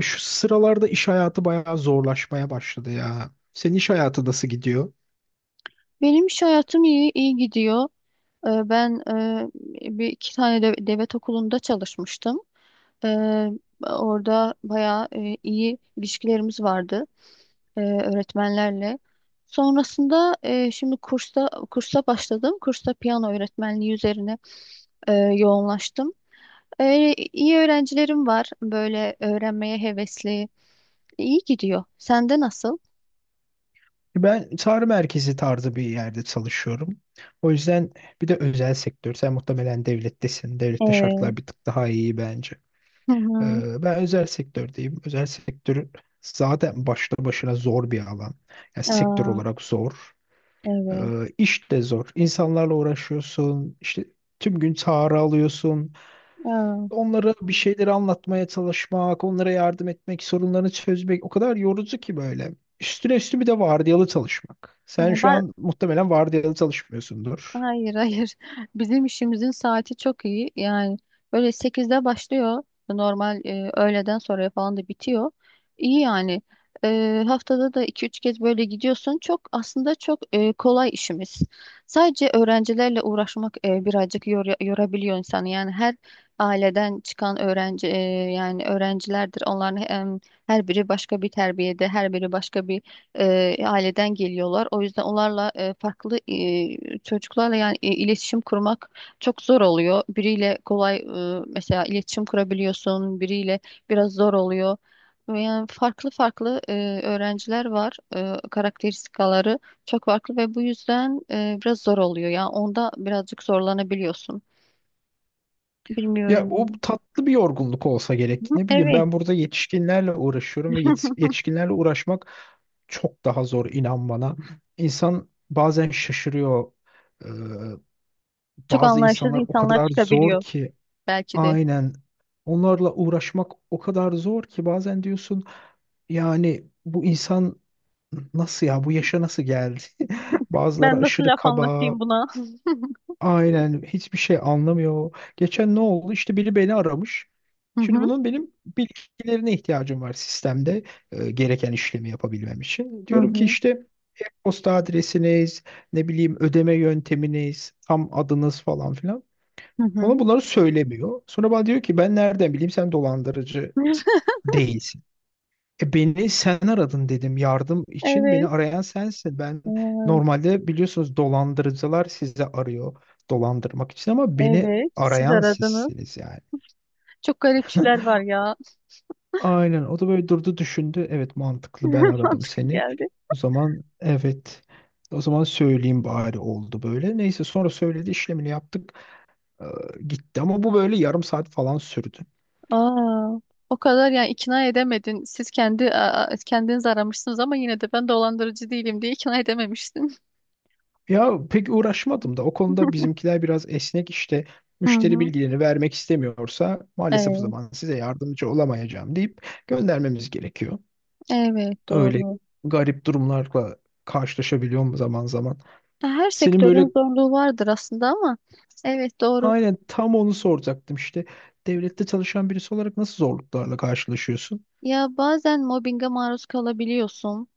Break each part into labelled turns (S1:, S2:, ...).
S1: Şu sıralarda iş hayatı bayağı zorlaşmaya başladı ya. Senin iş hayatı nasıl gidiyor?
S2: Benim iş hayatım iyi gidiyor. Ben bir iki tane de, devlet okulunda çalışmıştım. Ee, Orada bayağı iyi ilişkilerimiz vardı öğretmenlerle. Sonrasında şimdi kursa başladım. Kursta piyano öğretmenliği üzerine yoğunlaştım. İyi öğrencilerim var, böyle öğrenmeye hevesli. İyi gidiyor. Sende nasıl?
S1: Ben çağrı merkezi tarzı bir yerde çalışıyorum. O yüzden bir de özel sektör. Sen muhtemelen devlettesin. Devlette
S2: Evet.
S1: şartlar bir tık daha iyi bence.
S2: Hı hı.
S1: Ben özel sektördeyim. Özel sektör zaten başta başına zor bir alan. Yani sektör
S2: Aa,
S1: olarak zor. Ee,
S2: evet.
S1: İş de zor. İnsanlarla uğraşıyorsun. İşte tüm gün çağrı alıyorsun.
S2: Aa.
S1: Onlara bir şeyleri anlatmaya çalışmak, onlara yardım etmek, sorunlarını çözmek o kadar yorucu ki böyle. Üstüne üstü bir de vardiyalı çalışmak.
S2: Ya
S1: Sen şu
S2: ba-
S1: an muhtemelen vardiyalı çalışmıyorsundur.
S2: Hayır, hayır. Bizim işimizin saati çok iyi. Yani böyle sekizde başlıyor. Normal öğleden sonra falan da bitiyor. İyi yani. Haftada da iki üç kez böyle gidiyorsun. Çok aslında çok kolay işimiz. Sadece öğrencilerle uğraşmak birazcık yorabiliyor insanı. Yani her aileden çıkan öğrenci yani öğrencilerdir. Her biri başka bir terbiyede, her biri başka bir aileden geliyorlar. O yüzden onlarla farklı çocuklarla yani iletişim kurmak çok zor oluyor. Biriyle kolay mesela iletişim kurabiliyorsun, biriyle biraz zor oluyor. Yani farklı farklı öğrenciler var. Karakteristikaları çok farklı ve bu yüzden biraz zor oluyor. Yani onda birazcık zorlanabiliyorsun.
S1: Ya o
S2: Bilmiyorum.
S1: tatlı bir yorgunluk olsa gerek. Ne bileyim
S2: Evet.
S1: ben burada yetişkinlerle uğraşıyorum ve yetişkinlerle uğraşmak çok daha zor inan bana. İnsan bazen şaşırıyor. Ee,
S2: Çok
S1: Bazı
S2: anlayışsız
S1: insanlar o
S2: insanlar
S1: kadar zor
S2: çıkabiliyor
S1: ki
S2: belki de.
S1: aynen onlarla uğraşmak o kadar zor ki bazen diyorsun yani bu insan nasıl ya bu yaşa nasıl geldi? Bazıları
S2: Ben nasıl
S1: aşırı
S2: laf
S1: kaba,
S2: anlatayım buna?
S1: aynen hiçbir şey anlamıyor. Geçen ne oldu? İşte biri beni aramış. Şimdi bunun benim bilgilerine ihtiyacım var sistemde gereken işlemi yapabilmem için.
S2: Hı
S1: Diyorum ki
S2: hı.
S1: işte posta adresiniz, ne bileyim ödeme yönteminiz, tam adınız falan filan.
S2: Hı
S1: Bana
S2: hı.
S1: bunları söylemiyor. Sonra bana diyor ki ben nereden bileyim sen dolandırıcı değilsin. E beni sen aradın dedim yardım için beni
S2: Evet.
S1: arayan sensin. Ben
S2: Evet.
S1: normalde biliyorsunuz dolandırıcılar sizi arıyor dolandırmak için ama beni
S2: Evet. Siz
S1: arayan
S2: aradınız.
S1: sizsiniz yani.
S2: Çok garipçiler var ya.
S1: Aynen o da böyle durdu düşündü. Evet mantıklı ben aradım
S2: Mantıklı
S1: seni.
S2: geldi.
S1: O zaman evet o zaman söyleyeyim bari oldu böyle. Neyse sonra söyledi işlemini yaptık. Ee, Gitti ama bu böyle yarım saat falan sürdü.
S2: Aa, o kadar yani ikna edemedin. Siz kendi a- a- Kendiniz aramışsınız ama yine de ben dolandırıcı değilim diye ikna edememiştin.
S1: Ya pek uğraşmadım da o konuda bizimkiler biraz esnek işte
S2: Hı
S1: müşteri
S2: hı.
S1: bilgilerini vermek istemiyorsa maalesef o
S2: Evet,
S1: zaman size yardımcı olamayacağım deyip göndermemiz gerekiyor.
S2: evet
S1: Öyle
S2: doğru.
S1: garip durumlarla karşılaşabiliyorum zaman zaman.
S2: Her
S1: Senin böyle
S2: sektörün zorluğu vardır aslında ama evet doğru.
S1: aynen tam onu soracaktım işte devlette çalışan birisi olarak nasıl zorluklarla karşılaşıyorsun?
S2: Ya bazen mobbinge maruz kalabiliyorsun.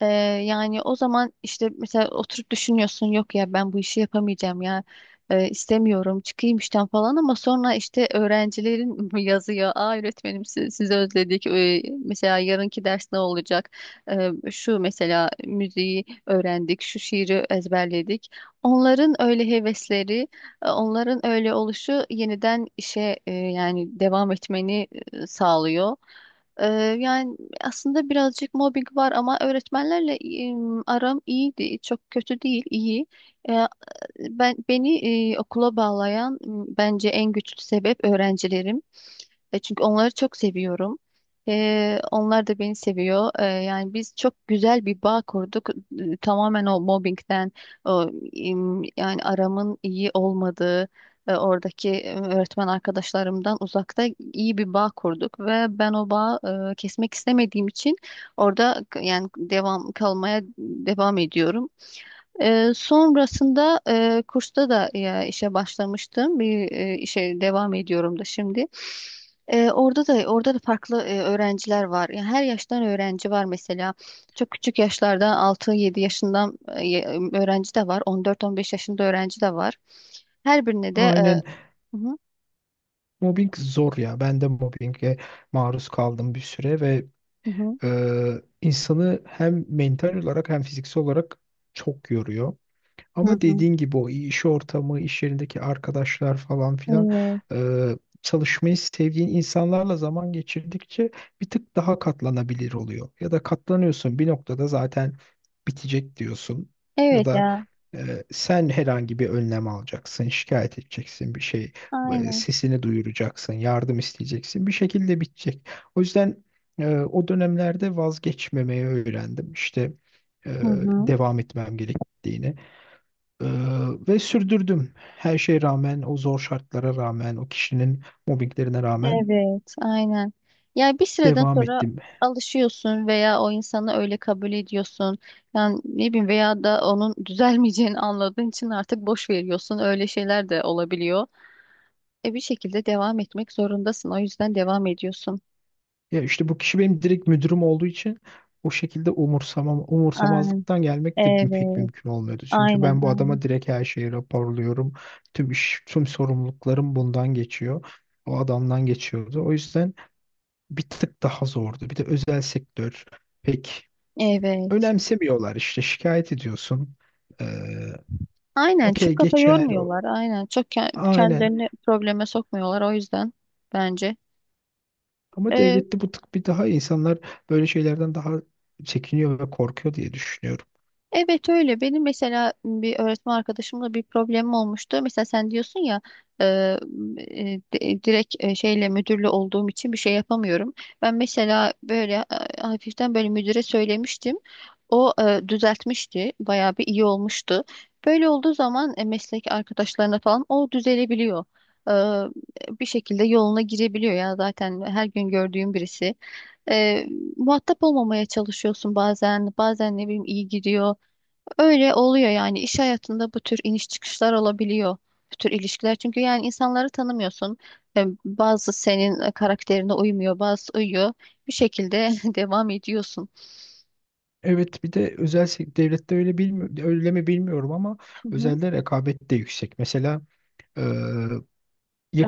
S2: Ee, Yani o zaman işte mesela oturup düşünüyorsun, yok ya ben bu işi yapamayacağım ya. İstemiyorum çıkayım işten falan, ama sonra işte öğrencilerin yazıyor, aa öğretmenim siz, sizi özledik. Mesela yarınki ders ne olacak? Şu mesela müziği öğrendik, şu şiiri ezberledik. Onların öyle hevesleri, onların öyle oluşu yeniden işe yani devam etmeni sağlıyor. Ee, Yani aslında birazcık mobbing var ama öğretmenlerle aram iyiydi. Çok kötü değil, iyi. E, beni okula bağlayan bence en güçlü sebep öğrencilerim. Çünkü onları çok seviyorum. Onlar da beni seviyor. Yani biz çok güzel bir bağ kurduk. Tamamen o mobbingden, o, yani aramın iyi olmadığı, oradaki öğretmen arkadaşlarımdan uzakta iyi bir bağ kurduk ve ben o bağı kesmek istemediğim için orada yani kalmaya devam ediyorum. Sonrasında kursta da işe başlamıştım. Bir işe devam ediyorum da şimdi. Orada da farklı öğrenciler var. Yani her yaştan öğrenci var mesela. Çok küçük yaşlardan altı yedi yaşından öğrenci de var. On dört on beş yaşında öğrenci de var. Her birine de
S1: Aynen
S2: hı hı,
S1: mobbing zor ya ben de mobbinge maruz kaldım bir süre ve
S2: hı hı,
S1: insanı hem mental olarak hem fiziksel olarak çok yoruyor.
S2: hı
S1: Ama
S2: hı.
S1: dediğin gibi o iş ortamı, iş yerindeki arkadaşlar falan filan
S2: Evet.
S1: e, çalışmayı sevdiğin insanlarla zaman geçirdikçe bir tık daha katlanabilir oluyor. Ya da katlanıyorsun bir noktada zaten bitecek diyorsun. Ya
S2: Evet
S1: da
S2: ya.
S1: sen herhangi bir önlem alacaksın, şikayet edeceksin bir şey,
S2: Aynen.
S1: sesini duyuracaksın, yardım isteyeceksin. Bir şekilde bitecek. O yüzden o dönemlerde vazgeçmemeyi öğrendim. İşte e,
S2: Hı hı.
S1: devam etmem gerektiğini. Ee, Ve sürdürdüm. Her şeye rağmen, o zor şartlara rağmen, o kişinin mobbinglerine rağmen
S2: Evet, aynen. Yani bir süreden
S1: devam
S2: sonra
S1: ettim.
S2: alışıyorsun veya o insanı öyle kabul ediyorsun. Yani ne bileyim veya da onun düzelmeyeceğini anladığın için artık boş veriyorsun. Öyle şeyler de olabiliyor. E bir şekilde devam etmek zorundasın. O yüzden devam ediyorsun.
S1: Ya işte bu kişi benim direkt müdürüm olduğu için o şekilde umursamam,
S2: Aynen.
S1: umursamazlıktan gelmek de pek
S2: Evet.
S1: mümkün olmuyordu. Çünkü
S2: Aynen,
S1: ben bu
S2: aynen.
S1: adama direkt her şeyi raporluyorum. Tüm iş, tüm sorumluluklarım bundan geçiyor. O adamdan geçiyordu. O yüzden bir tık daha zordu. Bir de özel sektör pek
S2: Evet.
S1: önemsemiyorlar işte şikayet ediyorsun. Ee,
S2: Aynen,
S1: Okey
S2: çok kafa
S1: geçer
S2: yormuyorlar. Aynen, çok
S1: aynen.
S2: kendilerini probleme sokmuyorlar, o yüzden bence.
S1: Ama
S2: E,
S1: devlette bu tık bir daha insanlar böyle şeylerden daha çekiniyor ve korkuyor diye düşünüyorum.
S2: Evet öyle. Benim mesela bir öğretmen arkadaşımla bir problemim olmuştu. Mesela sen diyorsun ya e, direkt şeyle müdürlü olduğum için bir şey yapamıyorum. Ben mesela böyle hafiften böyle müdüre söylemiştim. O düzeltmişti. Bayağı bir iyi olmuştu. Böyle olduğu zaman meslek arkadaşlarına falan o düzelebiliyor. E, Bir şekilde yoluna girebiliyor ya, zaten her gün gördüğüm birisi. E, Muhatap olmamaya çalışıyorsun bazen. Bazen ne bileyim iyi gidiyor. Öyle oluyor yani, iş hayatında bu tür iniş çıkışlar olabiliyor. Bu tür ilişkiler, çünkü yani insanları tanımıyorsun. Bazı senin karakterine uymuyor, bazı uyuyor. Bir şekilde devam ediyorsun.
S1: Evet bir de devlette öyle bilmi öyle mi bilmiyorum ama
S2: Hı hı.
S1: özelde rekabet de yüksek. Mesela e,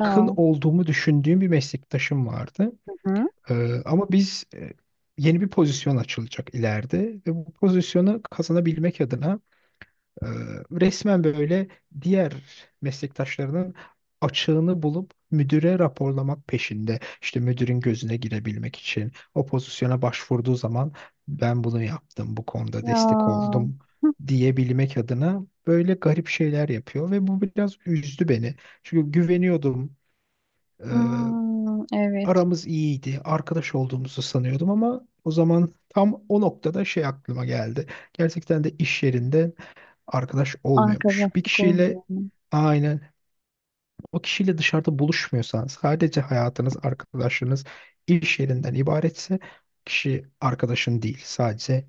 S2: Aa.
S1: olduğumu düşündüğüm bir meslektaşım vardı.
S2: Hı hı.
S1: Ama biz yeni bir pozisyon açılacak ileride ve bu pozisyonu kazanabilmek adına Ee, resmen böyle diğer meslektaşlarının açığını bulup müdüre raporlamak peşinde. İşte müdürün gözüne girebilmek için o pozisyona başvurduğu zaman ben bunu yaptım, bu konuda destek
S2: Ya.
S1: oldum
S2: Hı.
S1: diyebilmek adına böyle garip şeyler yapıyor ve bu biraz üzdü beni. Çünkü güveniyordum. Ee,
S2: Hmm, evet.
S1: Aramız iyiydi, arkadaş olduğumuzu sanıyordum ama o zaman tam o noktada şey aklıma geldi. Gerçekten de iş yerinde arkadaş olmuyormuş. Bir
S2: Arkadaşlık oldu
S1: kişiyle
S2: yani.
S1: aynen o kişiyle dışarıda buluşmuyorsanız, sadece hayatınız, arkadaşlarınız iş yerinden ibaretse kişi arkadaşın değil. Sadece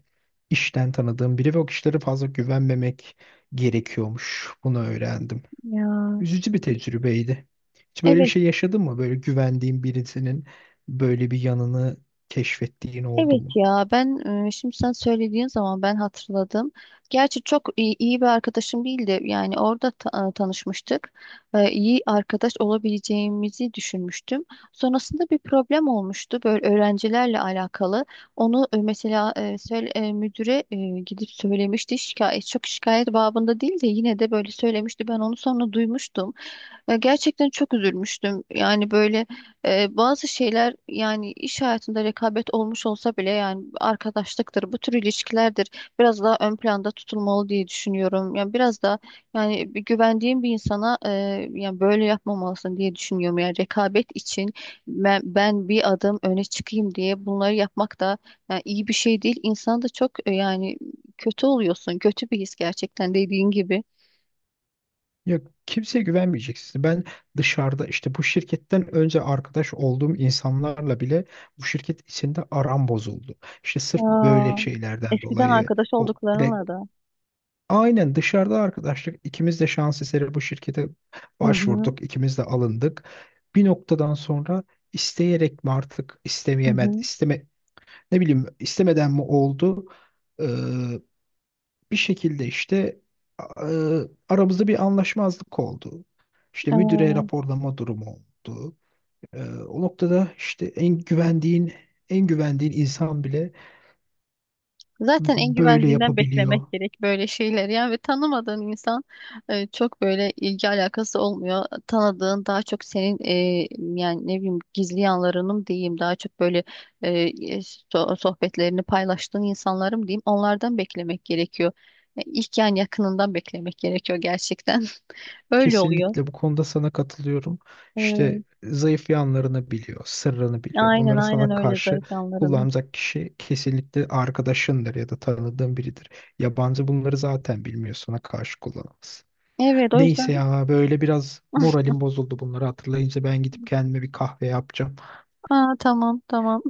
S1: işten tanıdığım biri ve o kişilere fazla güvenmemek gerekiyormuş. Bunu öğrendim.
S2: Ya.
S1: Üzücü bir tecrübeydi. Hiç böyle bir
S2: Evet.
S1: şey yaşadın mı? Böyle güvendiğin birisinin böyle bir yanını keşfettiğin oldu
S2: Evet
S1: mu?
S2: ya, ben şimdi sen söylediğin zaman ben hatırladım. Gerçi çok iyi bir arkadaşım değildi. Yani orada tanışmıştık. İyi arkadaş olabileceğimizi düşünmüştüm. Sonrasında bir problem olmuştu böyle öğrencilerle alakalı. Onu mesela müdüre gidip söylemişti. Çok şikayet babında değil de yine de böyle söylemişti. Ben onu sonra duymuştum. Ya gerçekten çok üzülmüştüm. Yani böyle bazı şeyler, yani iş hayatında rekabet olmuş olsa bile yani arkadaşlıktır, bu tür ilişkilerdir biraz daha ön planda tutulmalı diye düşünüyorum. Yani biraz da yani bir güvendiğim bir insana yani böyle yapmamalısın diye düşünüyorum. Yani rekabet için ben bir adım öne çıkayım diye bunları yapmak da yani iyi bir şey değil. İnsan da çok yani kötü oluyorsun. Kötü bir his gerçekten, dediğin gibi.
S1: Yok kimseye güvenmeyeceksin. Ben dışarıda işte bu şirketten önce arkadaş olduğum insanlarla bile bu şirket içinde aram bozuldu. İşte sırf böyle
S2: Aa,
S1: şeylerden
S2: eskiden
S1: dolayı
S2: arkadaş
S1: o re-
S2: olduklarınla da.
S1: aynen dışarıda arkadaşlık ikimiz de şans eseri bu şirkete
S2: Hı hı.
S1: başvurduk. İkimiz de alındık. Bir noktadan sonra isteyerek mi artık
S2: Hı
S1: istemeyemed
S2: hı.
S1: isteme ne bileyim istemeden mi oldu? Bir şekilde işte e, aramızda bir anlaşmazlık oldu. İşte müdüre
S2: Aa,
S1: raporlama durumu oldu. E, o noktada işte en güvendiğin insan bile
S2: zaten en
S1: böyle
S2: güvendiğinden
S1: yapabiliyor.
S2: beklemek gerek böyle şeyler. Yani ve tanımadığın insan çok böyle ilgi alakası olmuyor. Tanıdığın daha çok senin yani ne bileyim gizli yanlarının diyeyim, daha çok böyle e, e, sohbetlerini paylaştığın insanlarım diyeyim, onlardan beklemek gerekiyor. İlk yani yakınından beklemek gerekiyor gerçekten. Öyle oluyor.
S1: Kesinlikle bu konuda sana katılıyorum. İşte
S2: Evet.
S1: zayıf yanlarını biliyor, sırrını biliyor.
S2: Aynen,
S1: Bunları
S2: aynen,
S1: sana
S2: öyle,
S1: karşı
S2: zayıf yanlarını.
S1: kullanacak kişi kesinlikle arkadaşındır ya da tanıdığın biridir. Yabancı bunları zaten bilmiyor, sana karşı kullanamaz.
S2: Evet o
S1: Neyse
S2: yüzden.
S1: ya böyle biraz moralim bozuldu bunları hatırlayınca ben gidip kendime bir kahve yapacağım.
S2: Aa, tamam, tamam.